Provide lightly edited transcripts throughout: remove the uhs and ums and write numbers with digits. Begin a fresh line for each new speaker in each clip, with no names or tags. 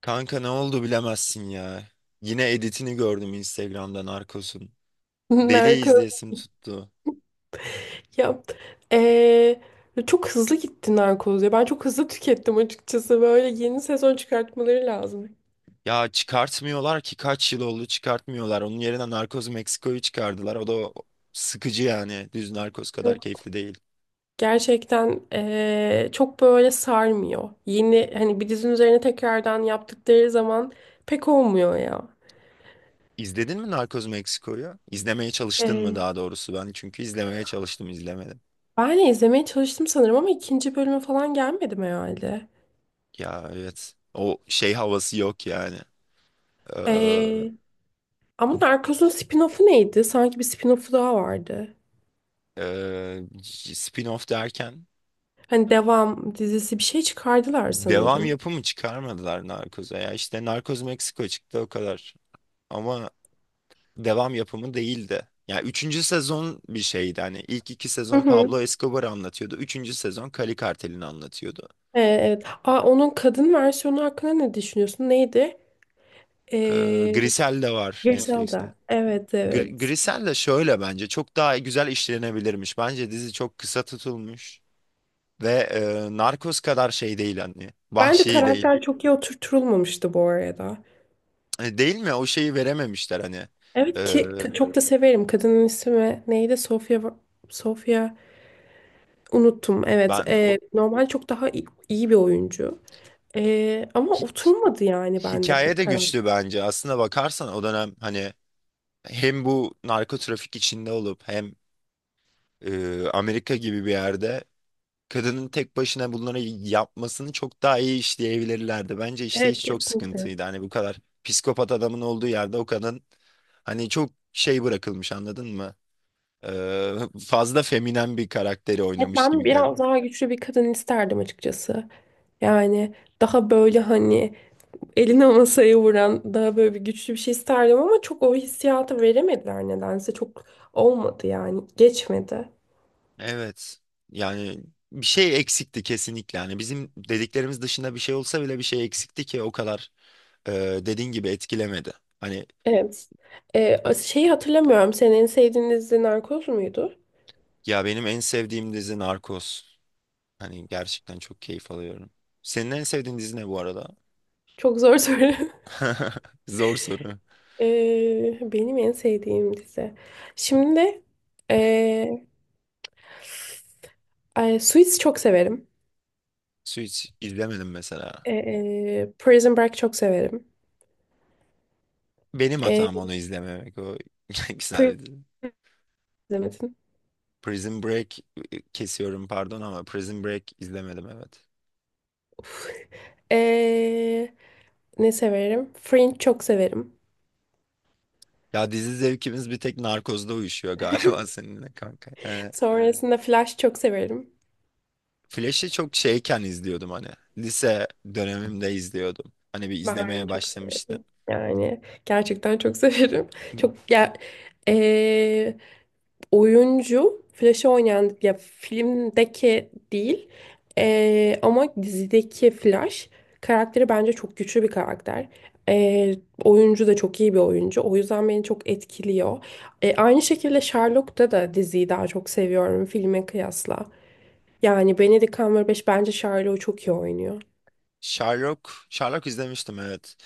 Kanka, ne oldu bilemezsin ya. Yine editini gördüm Instagram'dan Narcos'un. Deli
Narkoz
izleyesim tuttu.
ya eee, çok hızlı gitti narkoz ya ben çok hızlı tükettim açıkçası böyle yeni sezon çıkartmaları lazım.
Ya, çıkartmıyorlar ki, kaç yıl oldu çıkartmıyorlar. Onun yerine Narcos Meksiko'yu çıkardılar. O da sıkıcı yani. Düz Narcos kadar
Yok,
keyifli değil.
gerçekten çok böyle sarmıyor. Yeni hani bir dizinin üzerine tekrardan yaptıkları zaman pek olmuyor ya.
İzledin mi Narcos Meksiko'yu? İzlemeye çalıştın mı
Eee,
daha doğrusu ben? Çünkü izlemeye çalıştım, izlemedim.
Ben de izlemeye çalıştım sanırım ama ikinci bölüme falan gelmedim herhalde.
Ya, evet. O şey havası yok yani. Ee,
Eee, Ama Narcos'un spin-off'u neydi? Sanki bir spin-off'u daha vardı.
ee, Spin-off derken.
Hani devam dizisi bir şey çıkardılar
Devam
sanırım.
yapımı çıkarmadılar Narcos'a ya. İşte Narcos Meksiko çıktı, o kadar. Ama devam yapımı değildi. Ya, üçüncü sezon bir şeydi. Hani ilk iki
Hı
sezon
hı.
Pablo Escobar'ı anlatıyordu. Üçüncü sezon Cali Kartel'ini anlatıyordu.
Evet. Aa, onun kadın versiyonu hakkında ne düşünüyorsun? Neydi?
Ee,
Ee,
Grisel de var Netflix'te.
Griselda. Evet, evet.
Grisel de şöyle, bence çok daha güzel işlenebilirmiş. Bence dizi çok kısa tutulmuş ve Narcos kadar şey değil, hani
Bence
vahşi değil.
karakter çok iyi oturtulmamıştı bu arada.
Değil mi? O şeyi verememişler hani. E,
Evet ki çok da severim. Kadının ismi neydi? Sofia Sofia unuttum. Evet.
ben o
Normal çok daha iyi, iyi bir oyuncu. Ama oturmadı yani bende
Hikaye
pek
de
karakter.
güçlü bence. Aslına bakarsan o dönem hani, hem bu narko trafik içinde olup hem Amerika gibi bir yerde kadının tek başına bunları yapmasını çok daha iyi işleyebilirlerdi. Bence işte,
Evet,
hiç çok
kesinlikle.
sıkıntıydı. Hani bu kadar psikopat adamın olduğu yerde o kadın, hani çok şey bırakılmış, anladın mı? Fazla feminen bir karakteri
Evet,
oynamış
ben
gibi
biraz
geldi.
daha güçlü bir kadın isterdim açıkçası. Yani daha böyle hani eline masaya vuran daha böyle bir güçlü bir şey isterdim ama çok o hissiyatı veremediler nedense. Çok olmadı yani. Geçmedi.
Evet. Yani bir şey eksikti kesinlikle. Yani bizim dediklerimiz dışında bir şey olsa bile, bir şey eksikti ki o kadar, e, dediğin gibi etkilemedi. Hani
Evet. Şeyi hatırlamıyorum. Senin en sevdiğin dizi Narkoz muydu?
ya, benim en sevdiğim dizi Narcos. Hani gerçekten çok keyif alıyorum. Senin en sevdiğin dizi ne bu arada?
Çok zor soru.
Zor soru.
Benim en sevdiğim dizi. Şimdi ee, ay, Suits çok severim.
Su hiç izlemedim mesela.
Prison Break çok severim.
Benim
Ee,
hatam onu izlememek. O güzel
Prison
bir dizi.
izlemedin.
Prison Break, kesiyorum, pardon ama Prison Break izlemedim, evet.
Ee, Ne severim? Fringe çok severim.
Ya, dizi zevkimiz bir tek Narcos'da uyuşuyor galiba seninle kanka. Yani
Sonrasında Flash çok severim.
Flash'i çok şeyken izliyordum hani. Lise dönemimde izliyordum. Hani bir izlemeye
Bahane'yi çok
başlamıştım.
severim. Yani gerçekten çok severim. Çok ya eee, oyuncu Flash'ı oynayan ya filmdeki değil, ama dizideki Flash karakteri bence çok güçlü bir karakter. Eee, Oyuncu da çok iyi bir oyuncu. O yüzden beni çok etkiliyor. Aynı şekilde Sherlock'ta da diziyi daha çok seviyorum filme kıyasla. Yani Benedict Cumberbatch bence Sherlock'u çok iyi oynuyor.
Sherlock izlemiştim, evet.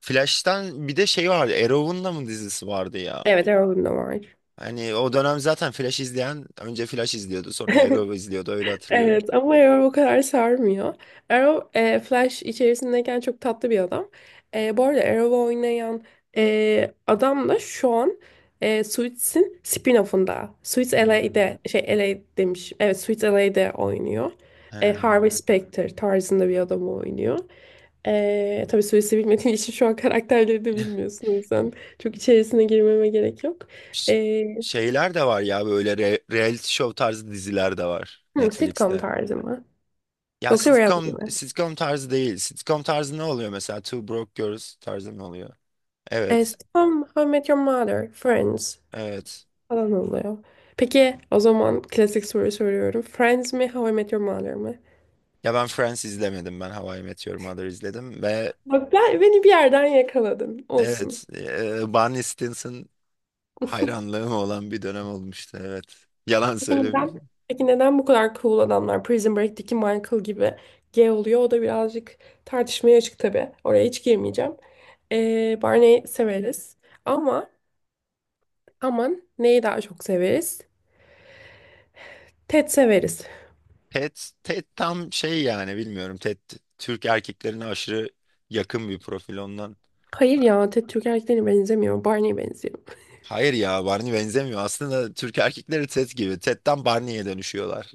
Flash'tan bir de şey vardı. Arrow'un da mı dizisi vardı ya?
Evet, Arrow'un da var.
Hani o dönem zaten Flash izleyen önce Flash izliyordu, sonra Arrow izliyordu, öyle hatırlıyorum.
Evet, ama Arrow o kadar sarmıyor. Arrow, Flash içerisindeyken çok tatlı bir adam. Bu arada Arrow'u oynayan adam da şu an Suits'in spin-off'unda. Suits
Em,
LA'de şey LA demiş. Evet, Suits LA'de oynuyor. Harvey
em.
Specter tarzında bir adamı oynuyor. Tabii Suits'i bilmediğin için şu an karakterleri de bilmiyorsun. O yüzden çok içerisine girmeme gerek yok.
Ş-
E,
Şeyler de var ya, böyle reality show tarzı diziler de var
Sitcom
Netflix'te.
tarzı mı?
Ya,
Yoksa reality
sitcom
mi?
sitcom tarzı değil. Sitcom tarzı ne oluyor mesela? Two Broke Girls tarzı ne oluyor?
As
Evet.
Tom, How I Met Your Mother, Friends
Evet.
falan oluyor. Peki o zaman klasik soru soruyorum. Friends mi, How I Met Your Mother mı?
Ya, ben Friends izlemedim. Ben How I Met Your Mother izledim ve...
Bak, beni bir yerden yakaladın.
Evet,
Olsun.
Barney Stinson hayranlığım olan bir dönem olmuştu. Evet, yalan
Peki neden?
söylemeyeceğim.
Peki neden bu kadar cool adamlar Prison Break'teki Michael gibi gay oluyor? O da birazcık tartışmaya açık tabii. Oraya hiç girmeyeceğim. Barney severiz. Ama aman neyi daha çok severiz? Ted severiz.
Ted, Ted tam şey yani, bilmiyorum. Ted Türk erkeklerine aşırı yakın bir profil ondan.
Hayır ya, Ted Türk erkeklerine benzemiyor. Barney'e benziyor.
Hayır ya, Barney benzemiyor. Aslında Türk erkekleri Ted gibi. Ted'den Barney'e dönüşüyorlar.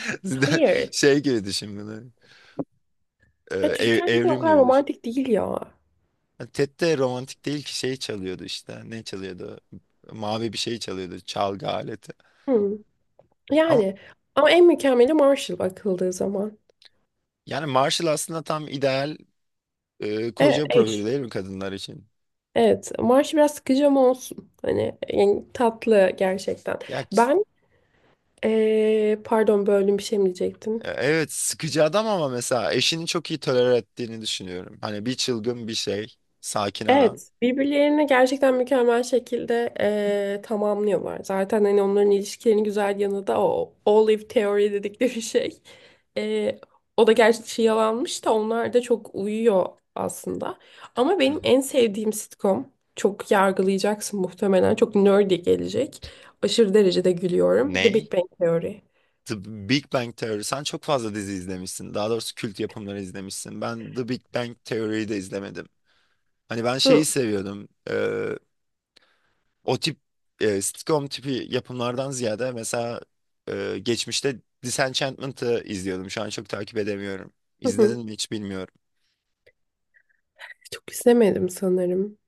Hayır.
Şey gibi düşün bunu.
Düşük erkek de o
Evrim
kadar
gibi düşün.
romantik değil ya.
Ted de romantik değil ki, şey çalıyordu işte. Ne çalıyordu? Mavi bir şey çalıyordu. Çalgı aleti.
Hı.
Ama
Yani ama en mükemmeli Marshall bakıldığı zaman.
yani Marshall aslında tam ideal
Evet,
koca profili
eş.
değil mi kadınlar için?
Evet, Marshall biraz sıkıcı ama olsun. Hani yani tatlı gerçekten.
Ya,
Ben, pardon böldüm, bir şey mi diyecektim?
evet, sıkıcı adam ama mesela eşini çok iyi tolere ettiğini düşünüyorum. Hani bir çılgın bir şey, sakin adam.
Evet, birbirlerini gerçekten mükemmel şekilde tamamlıyorlar. Zaten hani onların ilişkilerinin güzel yanı da o Olive Theory dedikleri şey. Eee, O da gerçi şey yalanmış da onlar da çok uyuyor aslında. Ama
Hı
benim
hı.
en sevdiğim sitcom, çok yargılayacaksın muhtemelen, çok nerdy gelecek. Aşırı derecede gülüyorum. The
Ney?
Big Bang Theory.
The Big Bang Theory. Sen çok fazla dizi izlemişsin. Daha doğrusu kült yapımları izlemişsin. Ben The Big Bang Theory'yi de izlemedim. Hani ben
Hı,
şeyi seviyordum. O tip sitcom tipi yapımlardan ziyade, mesela geçmişte Disenchantment'ı izliyordum. Şu an çok takip edemiyorum.
hı, hı.
İzledin mi hiç bilmiyorum.
Çok izlemedim sanırım.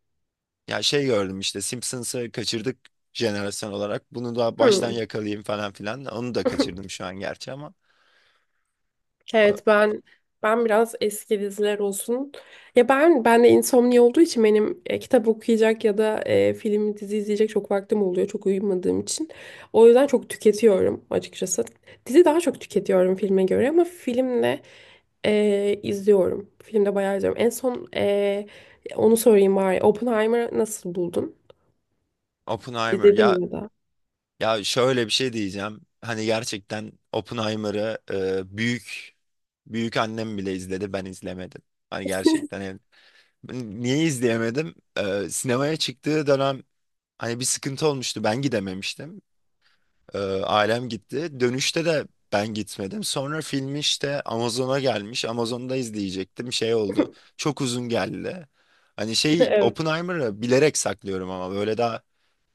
Ya şey, gördüm işte Simpsons'ı kaçırdık jenerasyon olarak. Bunu da baştan
Hı.
yakalayayım falan filan. Onu da kaçırdım şu an gerçi, ama e,
Evet, ben biraz eski diziler olsun. Ya, ben de insomnia olduğu için benim kitap okuyacak ya da film dizi izleyecek çok vaktim oluyor çok uyumadığım için. O yüzden çok tüketiyorum açıkçası. Dizi daha çok tüketiyorum filme göre ama filmle izliyorum. Filmde bayağı izliyorum. En son, onu sorayım bari. Oppenheimer'ı nasıl buldun?
Oppenheimer
İzledin
ya
mi ya da?
ya şöyle bir şey diyeceğim. Hani gerçekten Oppenheimer'ı büyük büyük annem bile izledi, ben izlemedim. Hani gerçekten, ben niye izleyemedim? Sinemaya çıktığı dönem hani bir sıkıntı olmuştu. Ben gidememiştim. Ailem gitti. Dönüşte de ben gitmedim. Sonra film işte Amazon'a gelmiş. Amazon'da izleyecektim. Şey oldu. Çok uzun geldi. Hani şey,
Evet.
Oppenheimer'ı bilerek saklıyorum ama böyle daha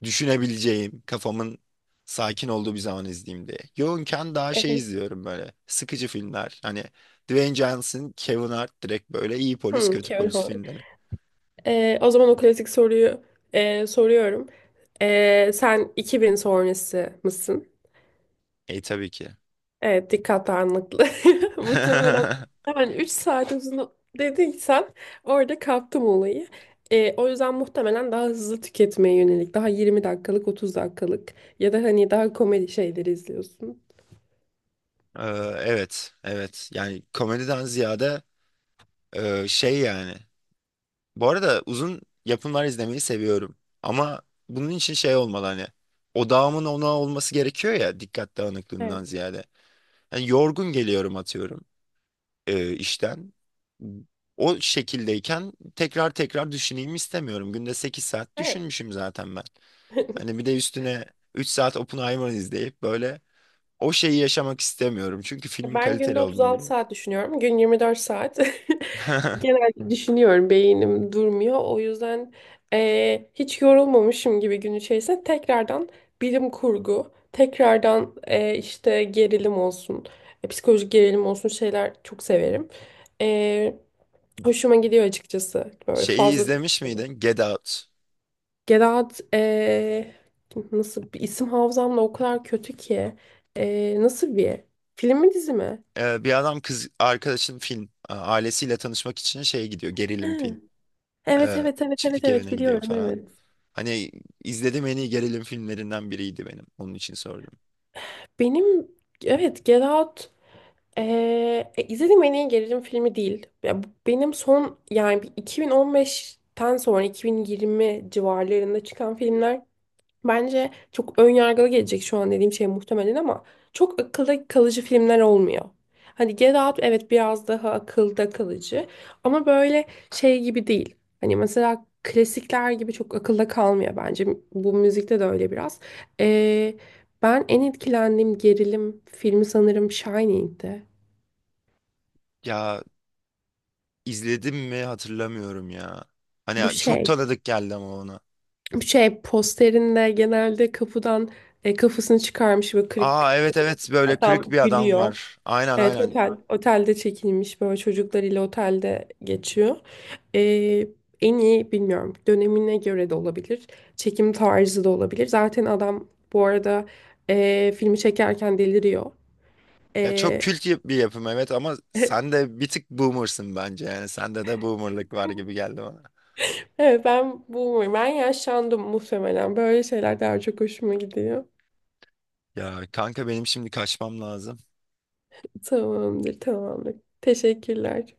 düşünebileceğim, kafamın sakin olduğu bir zaman izleyeyim diye. Yoğunken daha şey
Ehem.
izliyorum, böyle sıkıcı filmler. Hani Dwayne Johnson, Kevin Hart, direkt böyle iyi polis,
Hmm,
kötü
Kevin
polis
Hart.
filmleri.
O zaman o klasik soruyu soruyorum. Sen 2000 sonrası mısın?
E, tabii ki.
Evet, dikkat dağınıklığı. Muhtemelen yani 3 saat uzun dediysen orada kaptım olayı. O yüzden muhtemelen daha hızlı tüketmeye yönelik, daha 20 dakikalık, 30 dakikalık ya da hani daha komedi şeyleri izliyorsun.
Ee, Evet, evet. Yani komediden ziyade şey yani. Bu arada uzun yapımlar izlemeyi seviyorum. Ama bunun için şey olmalı hani. Odağımın ona olması gerekiyor ya, dikkat dağınıklığından
Evet.
ziyade. Yani yorgun geliyorum, atıyorum işten. O şekildeyken tekrar tekrar düşüneyim istemiyorum. Günde 8 saat
Evet.
düşünmüşüm zaten ben. Hani bir de üstüne 3 saat Oppenheimer izleyip böyle o şeyi yaşamak istemiyorum. Çünkü filmin
Ben günde
kaliteli
36
olduğunu...
saat düşünüyorum. Gün 24 saat. Genelde düşünüyorum. Beynim durmuyor. O yüzden hiç yorulmamışım gibi gün içerisinde tekrardan bilim kurgu, tekrardan işte gerilim olsun, psikolojik gerilim olsun şeyler çok severim. Eee, Hoşuma gidiyor açıkçası. Böyle
Şeyi
fazla
izlemiş miydin? Get Out.
Gedat, nasıl bir isim, hafızamla o kadar kötü ki. Nasıl bir, film mi dizi mi?
Bir adam kız arkadaşın ailesiyle tanışmak için şeye gidiyor. Gerilim film.
Evet,
Ee,
evet, evet, evet,
Çiftlik
evet,
evine gidiyor
biliyorum,
falan.
evet.
Hani izlediğim en iyi gerilim filmlerinden biriydi benim. Onun için sordum.
Benim, evet, Get Out, izlediğim en iyi gerilim filmi değil. Ya, benim son yani bir 2015'ten sonra 2020 civarlarında çıkan filmler. Bence çok ön yargılı gelecek şu an dediğim şey muhtemelen ama çok akılda kalıcı filmler olmuyor. Hani Get Out evet biraz daha akılda kalıcı ama böyle şey gibi değil. Hani mesela klasikler gibi çok akılda kalmıyor bence. Bu müzikte de öyle biraz. Ee, Ben en etkilendiğim gerilim filmi sanırım Shining'di.
Ya, izledim mi hatırlamıyorum ya.
Bu
Hani çok
şey,
tanıdık geldi ama ona.
bu şey posterinde genelde kapıdan kafasını çıkarmış ve kırık
Aa, evet, evet, böyle kırık
adam
bir adam
gülüyor.
var. Aynen,
Evet,
aynen.
otelde çekilmiş, böyle çocuklarıyla otelde geçiyor. Ee, En iyi bilmiyorum, dönemine göre de olabilir. Çekim tarzı da olabilir. Zaten adam bu arada filmi çekerken deliriyor.
Ya çok
Ee,
kült bir yapım, evet, ama sen de bir tık boomersın bence, yani sende de boomerlık var gibi geldi.
evet, ben bu ben yaşlandım muhtemelen. Böyle şeyler daha çok hoşuma gidiyor.
Ya kanka, benim şimdi kaçmam lazım.
Tamamdır, tamamdır. Teşekkürler.